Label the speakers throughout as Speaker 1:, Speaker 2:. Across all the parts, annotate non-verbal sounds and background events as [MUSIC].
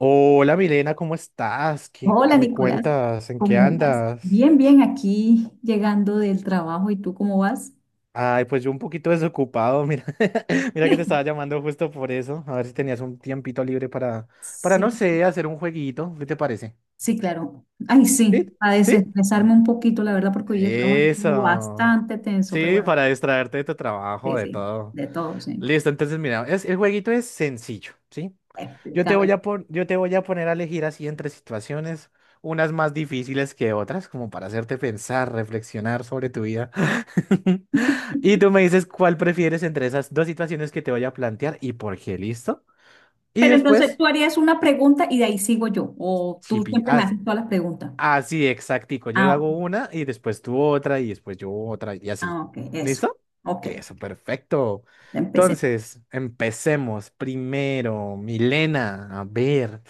Speaker 1: Hola Milena, ¿cómo estás? ¿Qué,
Speaker 2: Hola
Speaker 1: qué me
Speaker 2: Nicolás,
Speaker 1: cuentas? ¿En qué
Speaker 2: ¿cómo vas?
Speaker 1: andas?
Speaker 2: Bien, bien, aquí llegando del trabajo, ¿y tú cómo vas?
Speaker 1: Ay, pues yo un poquito desocupado, mira, [LAUGHS] mira que te estaba
Speaker 2: [LAUGHS]
Speaker 1: llamando justo por eso, a ver si tenías un tiempito libre para
Speaker 2: Sí,
Speaker 1: no sé, hacer un jueguito, ¿qué te parece?
Speaker 2: sí, claro. Ay, sí,
Speaker 1: ¿Sí?
Speaker 2: a
Speaker 1: ¿Sí?
Speaker 2: desestresarme un poquito, la verdad, porque hoy el trabajo estuvo
Speaker 1: Eso.
Speaker 2: bastante tenso, pero
Speaker 1: Sí,
Speaker 2: bueno,
Speaker 1: para distraerte de tu trabajo,
Speaker 2: sí,
Speaker 1: de
Speaker 2: sí,
Speaker 1: todo.
Speaker 2: de todo, sí.
Speaker 1: Listo, entonces mira, el jueguito es sencillo, ¿sí?
Speaker 2: Explícame.
Speaker 1: Yo te voy a poner a elegir así entre situaciones, unas más difíciles que otras, como para hacerte pensar, reflexionar sobre tu vida. [LAUGHS] Y tú me dices cuál prefieres entre esas dos situaciones que te voy a plantear y por qué, ¿listo? Y
Speaker 2: Pero entonces
Speaker 1: después,
Speaker 2: tú harías una pregunta y de ahí sigo yo, o
Speaker 1: si
Speaker 2: tú
Speaker 1: pi-
Speaker 2: siempre me
Speaker 1: ah,
Speaker 2: haces todas las preguntas.
Speaker 1: Así, exactico. Yo
Speaker 2: Ah,
Speaker 1: hago
Speaker 2: ok,
Speaker 1: una y después tú otra y después yo otra y así.
Speaker 2: ah, ok, eso.
Speaker 1: ¿Listo?
Speaker 2: Ok,
Speaker 1: Eso, perfecto.
Speaker 2: empecé.
Speaker 1: Entonces, empecemos. Primero, Milena, a ver.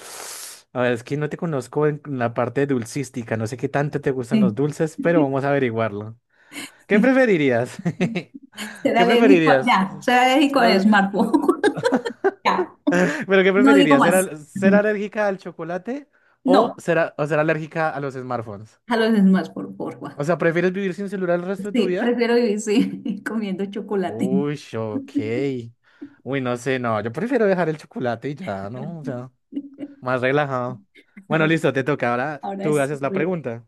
Speaker 1: A ver, es que no te conozco en la parte dulcística. No sé qué tanto te gustan los
Speaker 2: Sí.
Speaker 1: dulces, pero vamos a
Speaker 2: [LAUGHS]
Speaker 1: averiguarlo. ¿Qué preferirías? [LAUGHS]
Speaker 2: Ser
Speaker 1: ¿Qué
Speaker 2: alérgico,
Speaker 1: preferirías?
Speaker 2: ya, ser alérgico al
Speaker 1: No sé. [LAUGHS]
Speaker 2: smartphone. [LAUGHS]
Speaker 1: ¿Pero qué
Speaker 2: No digo
Speaker 1: preferirías? ¿Ser,
Speaker 2: más.
Speaker 1: al- ser alérgica al chocolate o
Speaker 2: No,
Speaker 1: ser, a- o ser alérgica a los smartphones?
Speaker 2: a los más, por favor.
Speaker 1: O
Speaker 2: Juan.
Speaker 1: sea, ¿prefieres vivir sin celular el resto de tu
Speaker 2: Sí,
Speaker 1: vida?
Speaker 2: prefiero vivir sí, [LAUGHS] comiendo chocolate.
Speaker 1: Uy, ok. Uy, no sé, no. Yo prefiero dejar el chocolate y ya, ¿no? O sea, más relajado. Bueno, listo, te toca. Ahora
Speaker 2: Ahora
Speaker 1: tú
Speaker 2: es.
Speaker 1: haces la pregunta.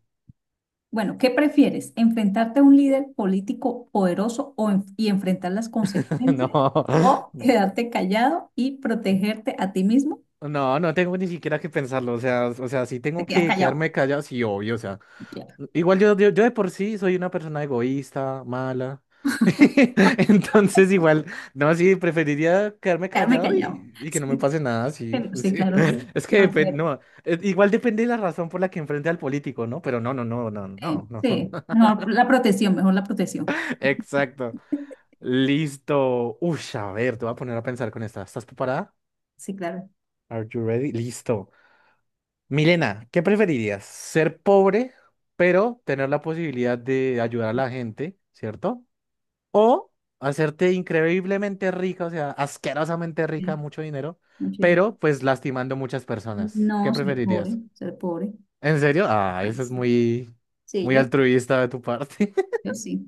Speaker 2: Bueno, ¿qué prefieres? ¿Enfrentarte a un líder político poderoso o y enfrentar las
Speaker 1: [LAUGHS] No.
Speaker 2: consecuencias? ¿O quedarte callado y protegerte a ti mismo?
Speaker 1: No, no tengo ni siquiera que pensarlo, o sea, si
Speaker 2: Te
Speaker 1: tengo
Speaker 2: quedas
Speaker 1: que
Speaker 2: callado.
Speaker 1: quedarme callado, sí, obvio, o sea,
Speaker 2: Claro.
Speaker 1: igual yo de por sí soy una persona egoísta, mala, [LAUGHS] entonces igual, no, sí, preferiría quedarme
Speaker 2: Quedarme
Speaker 1: callado
Speaker 2: callado.
Speaker 1: y que no me
Speaker 2: Sí,
Speaker 1: pase nada, sí, [LAUGHS]
Speaker 2: sí,
Speaker 1: sí.
Speaker 2: claro.
Speaker 1: Es que depende,
Speaker 2: Protegerte.
Speaker 1: no, igual depende de la razón por la que enfrente al político, ¿no? Pero no, no, no, no, no, no,
Speaker 2: Sí,
Speaker 1: [LAUGHS]
Speaker 2: mejor la protección, mejor la protección.
Speaker 1: exacto, listo, uy, a ver, te voy a poner a pensar con esta, ¿estás preparada?
Speaker 2: Sí, claro.
Speaker 1: Are you ready? Listo. Milena, ¿qué preferirías? ¿Ser pobre, pero tener la posibilidad de ayudar a la gente, ¿cierto? ¿O hacerte increíblemente rica, o sea, asquerosamente
Speaker 2: Sí,
Speaker 1: rica, mucho dinero,
Speaker 2: mucho dinero.
Speaker 1: pero pues lastimando muchas personas?
Speaker 2: No,
Speaker 1: ¿Qué
Speaker 2: ser pobre,
Speaker 1: preferirías?
Speaker 2: ser pobre.
Speaker 1: ¿En serio? Ah,
Speaker 2: Ay,
Speaker 1: eso es
Speaker 2: sí.
Speaker 1: muy,
Speaker 2: Sí,
Speaker 1: muy
Speaker 2: yo,
Speaker 1: altruista de tu parte. [LAUGHS]
Speaker 2: yo sí.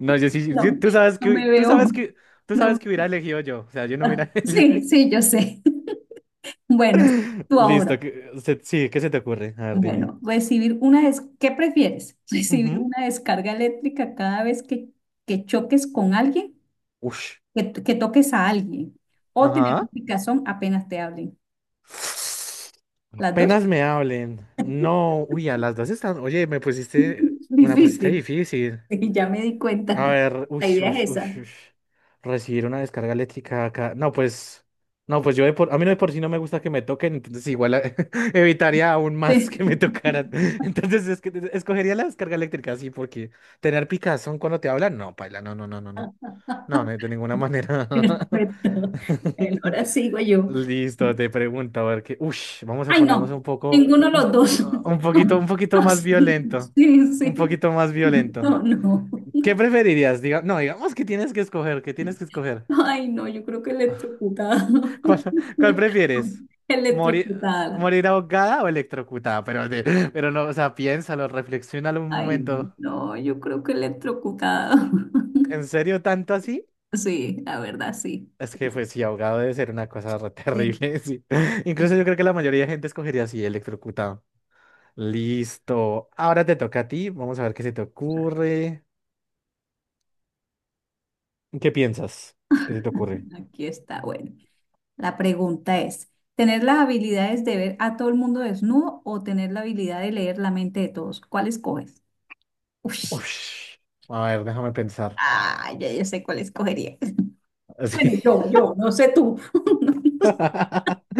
Speaker 1: No, yo sí, sí,
Speaker 2: No,
Speaker 1: tú sabes
Speaker 2: no
Speaker 1: que,
Speaker 2: me
Speaker 1: hu-
Speaker 2: veo.
Speaker 1: tú sabes
Speaker 2: No.
Speaker 1: que hubiera elegido yo, o sea, yo no
Speaker 2: Ah,
Speaker 1: hubiera [LAUGHS] elegido.
Speaker 2: sí, sí, yo sé. [LAUGHS] Bueno, sí, tú
Speaker 1: Listo,
Speaker 2: ahora.
Speaker 1: sí, ¿qué se te ocurre? A ver, dime.
Speaker 2: Bueno, ¿Qué prefieres? [LAUGHS] ¿Recibir
Speaker 1: Ujú.
Speaker 2: una descarga eléctrica cada vez que choques con alguien,
Speaker 1: Ush.
Speaker 2: que, que toques a alguien? ¿O tener un
Speaker 1: Ajá.
Speaker 2: picazón apenas te hablen? Las dos.
Speaker 1: Apenas me hablen. No, uy, a las dos están. Oye,
Speaker 2: [LAUGHS]
Speaker 1: una pusiste
Speaker 2: Difícil.
Speaker 1: difícil.
Speaker 2: Sí, ya me di
Speaker 1: A
Speaker 2: cuenta.
Speaker 1: ver, uy,
Speaker 2: La idea
Speaker 1: uy,
Speaker 2: es
Speaker 1: uy,
Speaker 2: esa.
Speaker 1: uy. Recibir una descarga eléctrica acá. No, pues, no, pues a mí no de por sí no me gusta que me toquen, entonces igual [LAUGHS] evitaría aún más
Speaker 2: Sí.
Speaker 1: que me tocaran. [LAUGHS] Entonces es que escogería la descarga eléctrica, sí, porque tener picazón cuando te hablan, no, paila, no, no, no, no, no.
Speaker 2: [LAUGHS]
Speaker 1: No, no, de ninguna manera.
Speaker 2: Perfecto. Bueno, ahora sigo
Speaker 1: [LAUGHS]
Speaker 2: yo.
Speaker 1: Listo, te pregunto, a ver qué. Ush, vamos a
Speaker 2: Ay,
Speaker 1: ponernos un
Speaker 2: no,
Speaker 1: poco,
Speaker 2: ninguno de
Speaker 1: un,
Speaker 2: los dos.
Speaker 1: un
Speaker 2: [LAUGHS]
Speaker 1: poquito, un
Speaker 2: No,
Speaker 1: poquito
Speaker 2: no,
Speaker 1: más
Speaker 2: sí,
Speaker 1: violento.
Speaker 2: sí,
Speaker 1: Un
Speaker 2: sí.
Speaker 1: poquito más violento.
Speaker 2: No, no.
Speaker 1: ¿Qué preferirías? No, digamos que tienes que escoger, que tienes que escoger.
Speaker 2: Ay, no, yo creo que
Speaker 1: [LAUGHS]
Speaker 2: electrocutada.
Speaker 1: ¿Cuál,
Speaker 2: [LAUGHS]
Speaker 1: cuál prefieres? ¿Morir,
Speaker 2: Electrocutada.
Speaker 1: morir ahogada o electrocutada? Pero, pero no, o sea, piénsalo, reflexiónalo un
Speaker 2: Ay,
Speaker 1: momento.
Speaker 2: no, yo creo que electrocutada.
Speaker 1: ¿En
Speaker 2: [LAUGHS]
Speaker 1: serio tanto así?
Speaker 2: Sí, la verdad, sí.
Speaker 1: Es
Speaker 2: Sí,
Speaker 1: que,
Speaker 2: sí,
Speaker 1: pues, sí, ahogado debe ser una cosa re
Speaker 2: sí.
Speaker 1: terrible, [LAUGHS] sí. Incluso
Speaker 2: Sí.
Speaker 1: yo creo que la mayoría de gente escogería así, electrocutado. Listo. Ahora te toca a ti. Vamos a ver qué se te ocurre. ¿Qué piensas? ¿Qué se te ocurre?
Speaker 2: Aquí está, bueno. La pregunta es, ¿tener las habilidades de ver a todo el mundo desnudo o tener la habilidad de leer la mente de todos? ¿Cuál escoges? Uy,
Speaker 1: Ush. A ver, déjame pensar.
Speaker 2: ya yo sé cuál escogería. [LAUGHS] Bueno,
Speaker 1: Sí.
Speaker 2: yo no sé tú. [LAUGHS]
Speaker 1: [LAUGHS]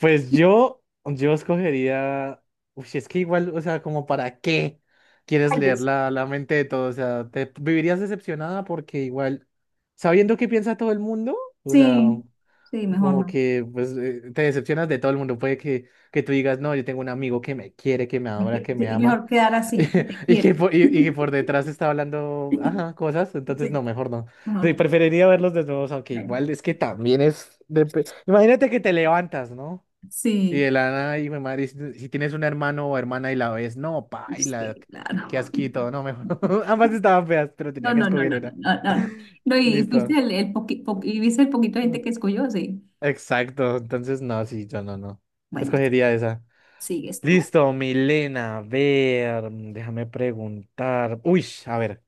Speaker 1: Pues yo escogería. Uy, es que igual, o sea, como para qué quieres
Speaker 2: Ay,
Speaker 1: leer
Speaker 2: Dios.
Speaker 1: la mente de todo? O sea, te vivirías decepcionada porque igual, sabiendo qué piensa todo el mundo, o sea.
Speaker 2: Sí, sí, mejor
Speaker 1: Como
Speaker 2: no.
Speaker 1: que pues te decepcionas de todo el mundo. Puede que tú digas, no, yo tengo un amigo que me quiere, que me adora, que me
Speaker 2: Sí,
Speaker 1: ama,
Speaker 2: mejor quedar así, que te
Speaker 1: [LAUGHS] y que
Speaker 2: quiere.
Speaker 1: por, y, y que por detrás está hablando, ajá, cosas. Entonces, no,
Speaker 2: Sí,
Speaker 1: mejor no.
Speaker 2: mejor no.
Speaker 1: Preferiría verlos desnudos, aunque
Speaker 2: Bueno,
Speaker 1: igual es que también es... Imagínate que te levantas, ¿no? Y
Speaker 2: sí,
Speaker 1: de la nada, y mi madre, si tienes un hermano o hermana y la ves, no, paila,
Speaker 2: sí,
Speaker 1: qué
Speaker 2: claro.
Speaker 1: asquito,
Speaker 2: [LAUGHS]
Speaker 1: no, mejor. [LAUGHS] Ambas estaban feas, pero
Speaker 2: No,
Speaker 1: tenía que
Speaker 2: no, no,
Speaker 1: escoger
Speaker 2: no, no,
Speaker 1: una.
Speaker 2: no, no. No, y fuiste
Speaker 1: Listo.
Speaker 2: el y viste el poquito de gente que escogió, sí.
Speaker 1: Exacto, entonces no, sí, yo no, no.
Speaker 2: Bueno,
Speaker 1: Escogería esa.
Speaker 2: sigues tú.
Speaker 1: Listo, Milena, a ver, déjame preguntar. Uy, a ver,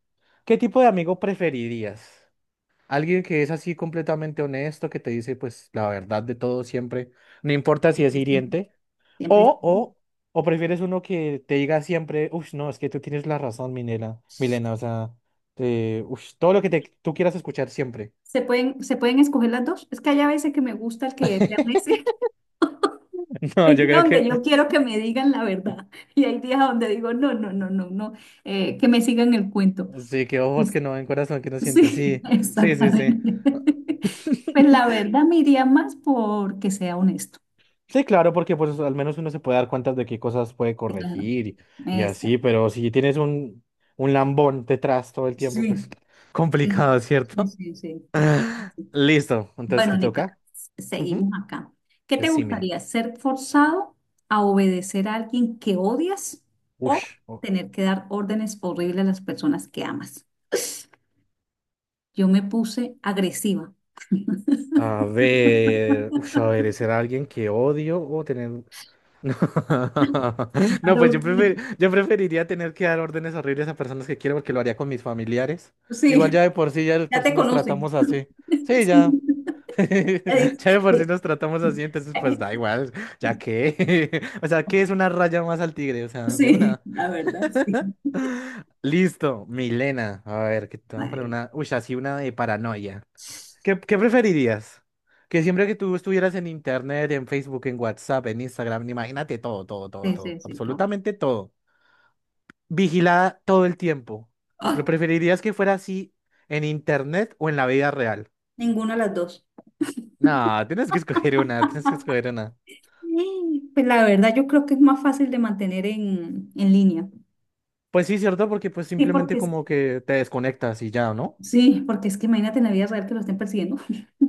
Speaker 1: ¿qué tipo de amigo preferirías? ¿Alguien que es así completamente honesto, que te dice pues la verdad de todo siempre, no importa si es
Speaker 2: Siempre sí,
Speaker 1: hiriente?
Speaker 2: siempre
Speaker 1: ¿O,
Speaker 2: sí.
Speaker 1: o, o prefieres uno que te diga siempre, uy, no, es que tú tienes la razón, Milena, Milena, o sea, uy, todo lo que tú quieras escuchar siempre?
Speaker 2: Se pueden escoger las dos? Es que hay a veces que me gusta el que desean
Speaker 1: [LAUGHS]
Speaker 2: decir. [LAUGHS]
Speaker 1: No,
Speaker 2: Hay
Speaker 1: yo
Speaker 2: días
Speaker 1: creo
Speaker 2: donde
Speaker 1: que
Speaker 2: yo quiero que me digan la verdad y hay días donde digo, no, no, no, no, no, que me sigan el cuento.
Speaker 1: sí, que ojos
Speaker 2: Pues,
Speaker 1: que no ven, corazón que no siente.
Speaker 2: sí,
Speaker 1: Sí,
Speaker 2: [LAUGHS]
Speaker 1: sí, sí, sí.
Speaker 2: exactamente. [LAUGHS] Pues la
Speaker 1: [LAUGHS]
Speaker 2: verdad me iría más porque sea honesto.
Speaker 1: Sí, claro, porque pues al menos uno se puede dar cuenta de qué cosas puede
Speaker 2: Sí, claro,
Speaker 1: corregir y así,
Speaker 2: exactamente.
Speaker 1: pero si tienes un, lambón detrás todo el tiempo,
Speaker 2: Sí,
Speaker 1: pues
Speaker 2: sí,
Speaker 1: complicado,
Speaker 2: sí,
Speaker 1: ¿cierto?
Speaker 2: sí, sí, claro.
Speaker 1: [LAUGHS] Listo, entonces
Speaker 2: Bueno,
Speaker 1: te
Speaker 2: Nicolás,
Speaker 1: toca. Ujú.
Speaker 2: seguimos acá. ¿Qué te
Speaker 1: Decime.
Speaker 2: gustaría? ¿Ser forzado a obedecer a alguien que odias o
Speaker 1: Ush.
Speaker 2: tener que dar órdenes horribles a las personas que amas? Yo me puse agresiva. [LAUGHS]
Speaker 1: A ver, ush, a ver, ¿será alguien que odio o tener no, [LAUGHS] no, pues yo
Speaker 2: Claro,
Speaker 1: yo preferiría tener que dar órdenes horribles a personas que quiero porque lo haría con mis familiares. Igual
Speaker 2: sí,
Speaker 1: ya de por sí, ya de
Speaker 2: ya
Speaker 1: por sí
Speaker 2: te
Speaker 1: nos
Speaker 2: conocen.
Speaker 1: tratamos así.
Speaker 2: [LAUGHS]
Speaker 1: Sí, ya.
Speaker 2: Sí,
Speaker 1: [LAUGHS] Ya de por sí nos tratamos así, entonces pues da igual, ya que. [LAUGHS] O sea, ¿qué es una raya más al tigre? O sea, de
Speaker 2: sí,
Speaker 1: una.
Speaker 2: la verdad, sí.
Speaker 1: Listo, Milena. A ver, que te voy a poner
Speaker 2: Madre.
Speaker 1: una. Uy, así una de paranoia.
Speaker 2: Sí,
Speaker 1: ¿Qué preferirías? Que siempre que tú estuvieras en internet, en Facebook, en WhatsApp, en Instagram, imagínate todo, todo, todo, todo,
Speaker 2: sí, sí, todo.
Speaker 1: absolutamente todo, vigilada todo el tiempo.
Speaker 2: Ay,
Speaker 1: ¿Lo preferirías que fuera así en internet o en la vida real?
Speaker 2: ninguna de las dos.
Speaker 1: No, tienes que escoger una, tienes que escoger una.
Speaker 2: Eh, Pues la verdad, yo creo que es más fácil de mantener en línea.
Speaker 1: Pues sí, cierto, porque pues
Speaker 2: Sí,
Speaker 1: simplemente
Speaker 2: porque es,
Speaker 1: como que te desconectas y ya, ¿no?
Speaker 2: sí, porque es que imagínate en la vida real que lo estén persiguiendo.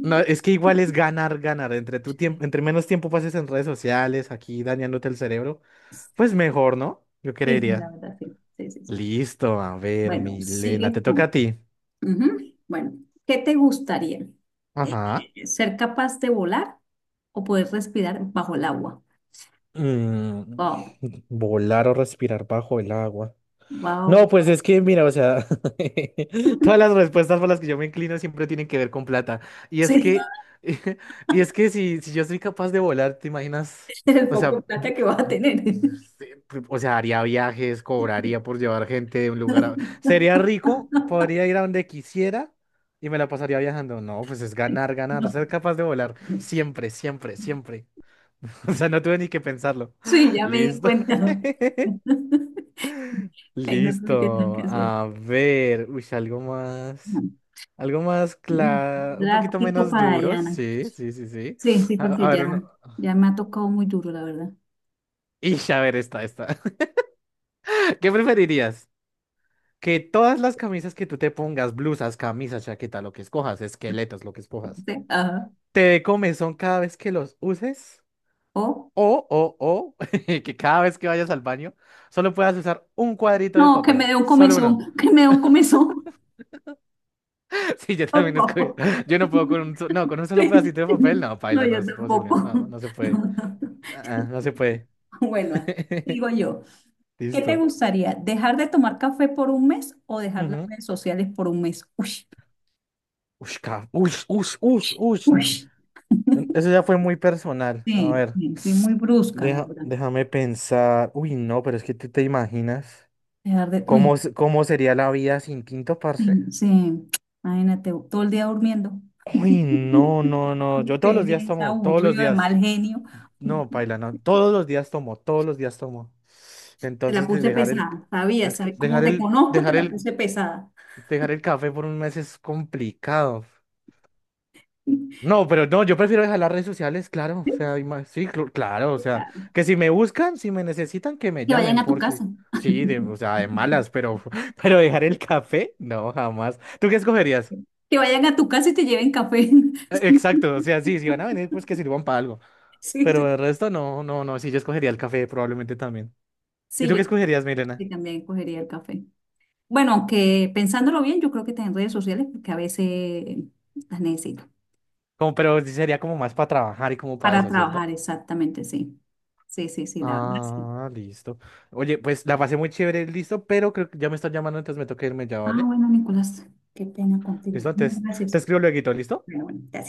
Speaker 1: No, es que igual es ganar, ganar. Entre tu tiempo, entre menos tiempo pases en redes sociales, aquí dañándote el cerebro,
Speaker 2: [LAUGHS]
Speaker 1: pues mejor, ¿no? Yo
Speaker 2: Sí, sí, la
Speaker 1: creería.
Speaker 2: verdad, sí. Sí, sí, sí.
Speaker 1: Listo, a ver,
Speaker 2: Bueno,
Speaker 1: Milena, te
Speaker 2: sigues
Speaker 1: toca
Speaker 2: tú.
Speaker 1: a ti.
Speaker 2: Ujú. Bueno, ¿qué te gustaría? Eh,
Speaker 1: Ajá.
Speaker 2: ¿Ser capaz de volar o poder respirar bajo el agua?
Speaker 1: Mm,
Speaker 2: Wow,
Speaker 1: volar o respirar bajo el agua. No,
Speaker 2: wow,
Speaker 1: pues
Speaker 2: wow.
Speaker 1: es que, mira, o sea, [LAUGHS] todas las respuestas por las que yo me inclino siempre tienen que ver con plata. Y es
Speaker 2: Sí,
Speaker 1: que, [LAUGHS] y es que si yo soy capaz de volar, ¿te imaginas?
Speaker 2: [LAUGHS] el
Speaker 1: O
Speaker 2: poco de
Speaker 1: sea,
Speaker 2: plata que vas a tener.
Speaker 1: sí, o sea, haría viajes, cobraría por llevar gente de un lugar a...
Speaker 2: [LAUGHS]
Speaker 1: Sería rico, podría ir a donde quisiera y me la pasaría viajando. No, pues es ganar, ganar,
Speaker 2: No.
Speaker 1: ser capaz de volar. Siempre, siempre, siempre. [LAUGHS] O sea, no tuve ni que pensarlo.
Speaker 2: Sí,
Speaker 1: [LAUGHS]
Speaker 2: ya me di
Speaker 1: Listo.
Speaker 2: cuenta.
Speaker 1: [LAUGHS]
Speaker 2: [LAUGHS] Ahí no tuviste nada
Speaker 1: Listo.
Speaker 2: que hacer.
Speaker 1: A ver, uy,
Speaker 2: Ujú.
Speaker 1: algo más claro, un poquito
Speaker 2: Drástico
Speaker 1: menos
Speaker 2: para
Speaker 1: duro,
Speaker 2: allá.
Speaker 1: sí, sí, sí, sí.
Speaker 2: Sí, sí,
Speaker 1: A
Speaker 2: porque
Speaker 1: ver, uno...
Speaker 2: ya, ya me ha tocado muy duro, la verdad.
Speaker 1: Ish, a ver, esta, esta. [LAUGHS] ¿Qué preferirías? Que todas las camisas que tú te pongas, blusas, camisas, chaqueta, lo que escojas, esqueletos, lo que escojas,
Speaker 2: Sí, ajá.
Speaker 1: te dé comezón cada vez que los uses,
Speaker 2: O,
Speaker 1: o, [LAUGHS] que cada vez que vayas al baño, solo puedas usar un cuadrito de
Speaker 2: no, que me
Speaker 1: papel,
Speaker 2: dé un
Speaker 1: solo uno.
Speaker 2: comezón, [LAUGHS] que me dé
Speaker 1: [LAUGHS]
Speaker 2: un comezón.
Speaker 1: [LAUGHS] Sí, yo
Speaker 2: [LAUGHS] Por
Speaker 1: también escogí.
Speaker 2: favor.
Speaker 1: Yo no puedo con no, con un solo
Speaker 2: Sí,
Speaker 1: pedacito de papel.
Speaker 2: sí.
Speaker 1: No,
Speaker 2: No,
Speaker 1: paila, no
Speaker 2: yo
Speaker 1: es posible.
Speaker 2: tampoco.
Speaker 1: No, no se
Speaker 2: [LAUGHS] No,
Speaker 1: puede.
Speaker 2: no, no.
Speaker 1: Ah, ah, no se puede.
Speaker 2: Bueno,
Speaker 1: [LAUGHS]
Speaker 2: digo yo, ¿qué te
Speaker 1: Listo.
Speaker 2: gustaría? ¿Dejar de tomar café por un mes o dejar las
Speaker 1: Ujú.
Speaker 2: redes sociales por un mes? Uy,
Speaker 1: Ush, ush, ush, ush, ush.
Speaker 2: uy.
Speaker 1: Eso ya fue muy personal. A
Speaker 2: Sí,
Speaker 1: ver.
Speaker 2: sí, fui muy brusca, la verdad.
Speaker 1: Déjame pensar. Uy, no, pero es que tú te imaginas
Speaker 2: Dejar de, uy,
Speaker 1: cómo sería la vida sin tinto, parce.
Speaker 2: sí, sí. Imagínate, todo el día durmiendo.
Speaker 1: Uy, no, no, no. Yo todos los días
Speaker 2: Pereza,
Speaker 1: tomo, todos los
Speaker 2: aburrido, de
Speaker 1: días.
Speaker 2: mal genio.
Speaker 1: No, paila, no. Todos los días tomo, todos los días tomo.
Speaker 2: Te la
Speaker 1: Entonces, de
Speaker 2: puse
Speaker 1: dejar
Speaker 2: pesada, sabía,
Speaker 1: el c-
Speaker 2: sabía. Como
Speaker 1: dejar
Speaker 2: te
Speaker 1: el,
Speaker 2: conozco, te
Speaker 1: dejar
Speaker 2: la
Speaker 1: el,
Speaker 2: puse pesada.
Speaker 1: dejar el café por un mes es complicado. No, pero no, yo prefiero dejar las redes sociales, claro. O sea, sí, claro. O sea, que si me buscan, si me necesitan, que me
Speaker 2: Que vayan
Speaker 1: llamen,
Speaker 2: a tu
Speaker 1: porque
Speaker 2: casa.
Speaker 1: sí, o sea, de malas, pero, [LAUGHS] pero dejar el café, no, jamás. ¿Tú qué escogerías?
Speaker 2: Que vayan a tu casa y te lleven café. [LAUGHS]
Speaker 1: Exacto, o sea, sí, si van a venir, pues que sirvan para algo.
Speaker 2: Sí, sí.
Speaker 1: Pero el resto, no, no, no, sí, yo escogería el café probablemente también. ¿Y
Speaker 2: Sí,
Speaker 1: tú
Speaker 2: yo
Speaker 1: qué escogerías, Milena?
Speaker 2: sí también cogería el café. Bueno, aunque pensándolo bien, yo creo que está en redes sociales porque a veces las necesito.
Speaker 1: Como, pero sí sería como más para trabajar y como para
Speaker 2: Para
Speaker 1: eso, ¿cierto?
Speaker 2: trabajar, exactamente, sí. Sí, sí, sí, la verdad, sí.
Speaker 1: Ah, listo. Oye, pues la pasé muy chévere, listo, pero creo que ya me están llamando, entonces me toca irme ya,
Speaker 2: Ah,
Speaker 1: ¿vale?
Speaker 2: bueno, Nicolás, qué pena contigo.
Speaker 1: ¿Listo?
Speaker 2: No,
Speaker 1: Entonces te
Speaker 2: gracias.
Speaker 1: escribo luego, ¿listo?
Speaker 2: Bueno, bueno, gracias.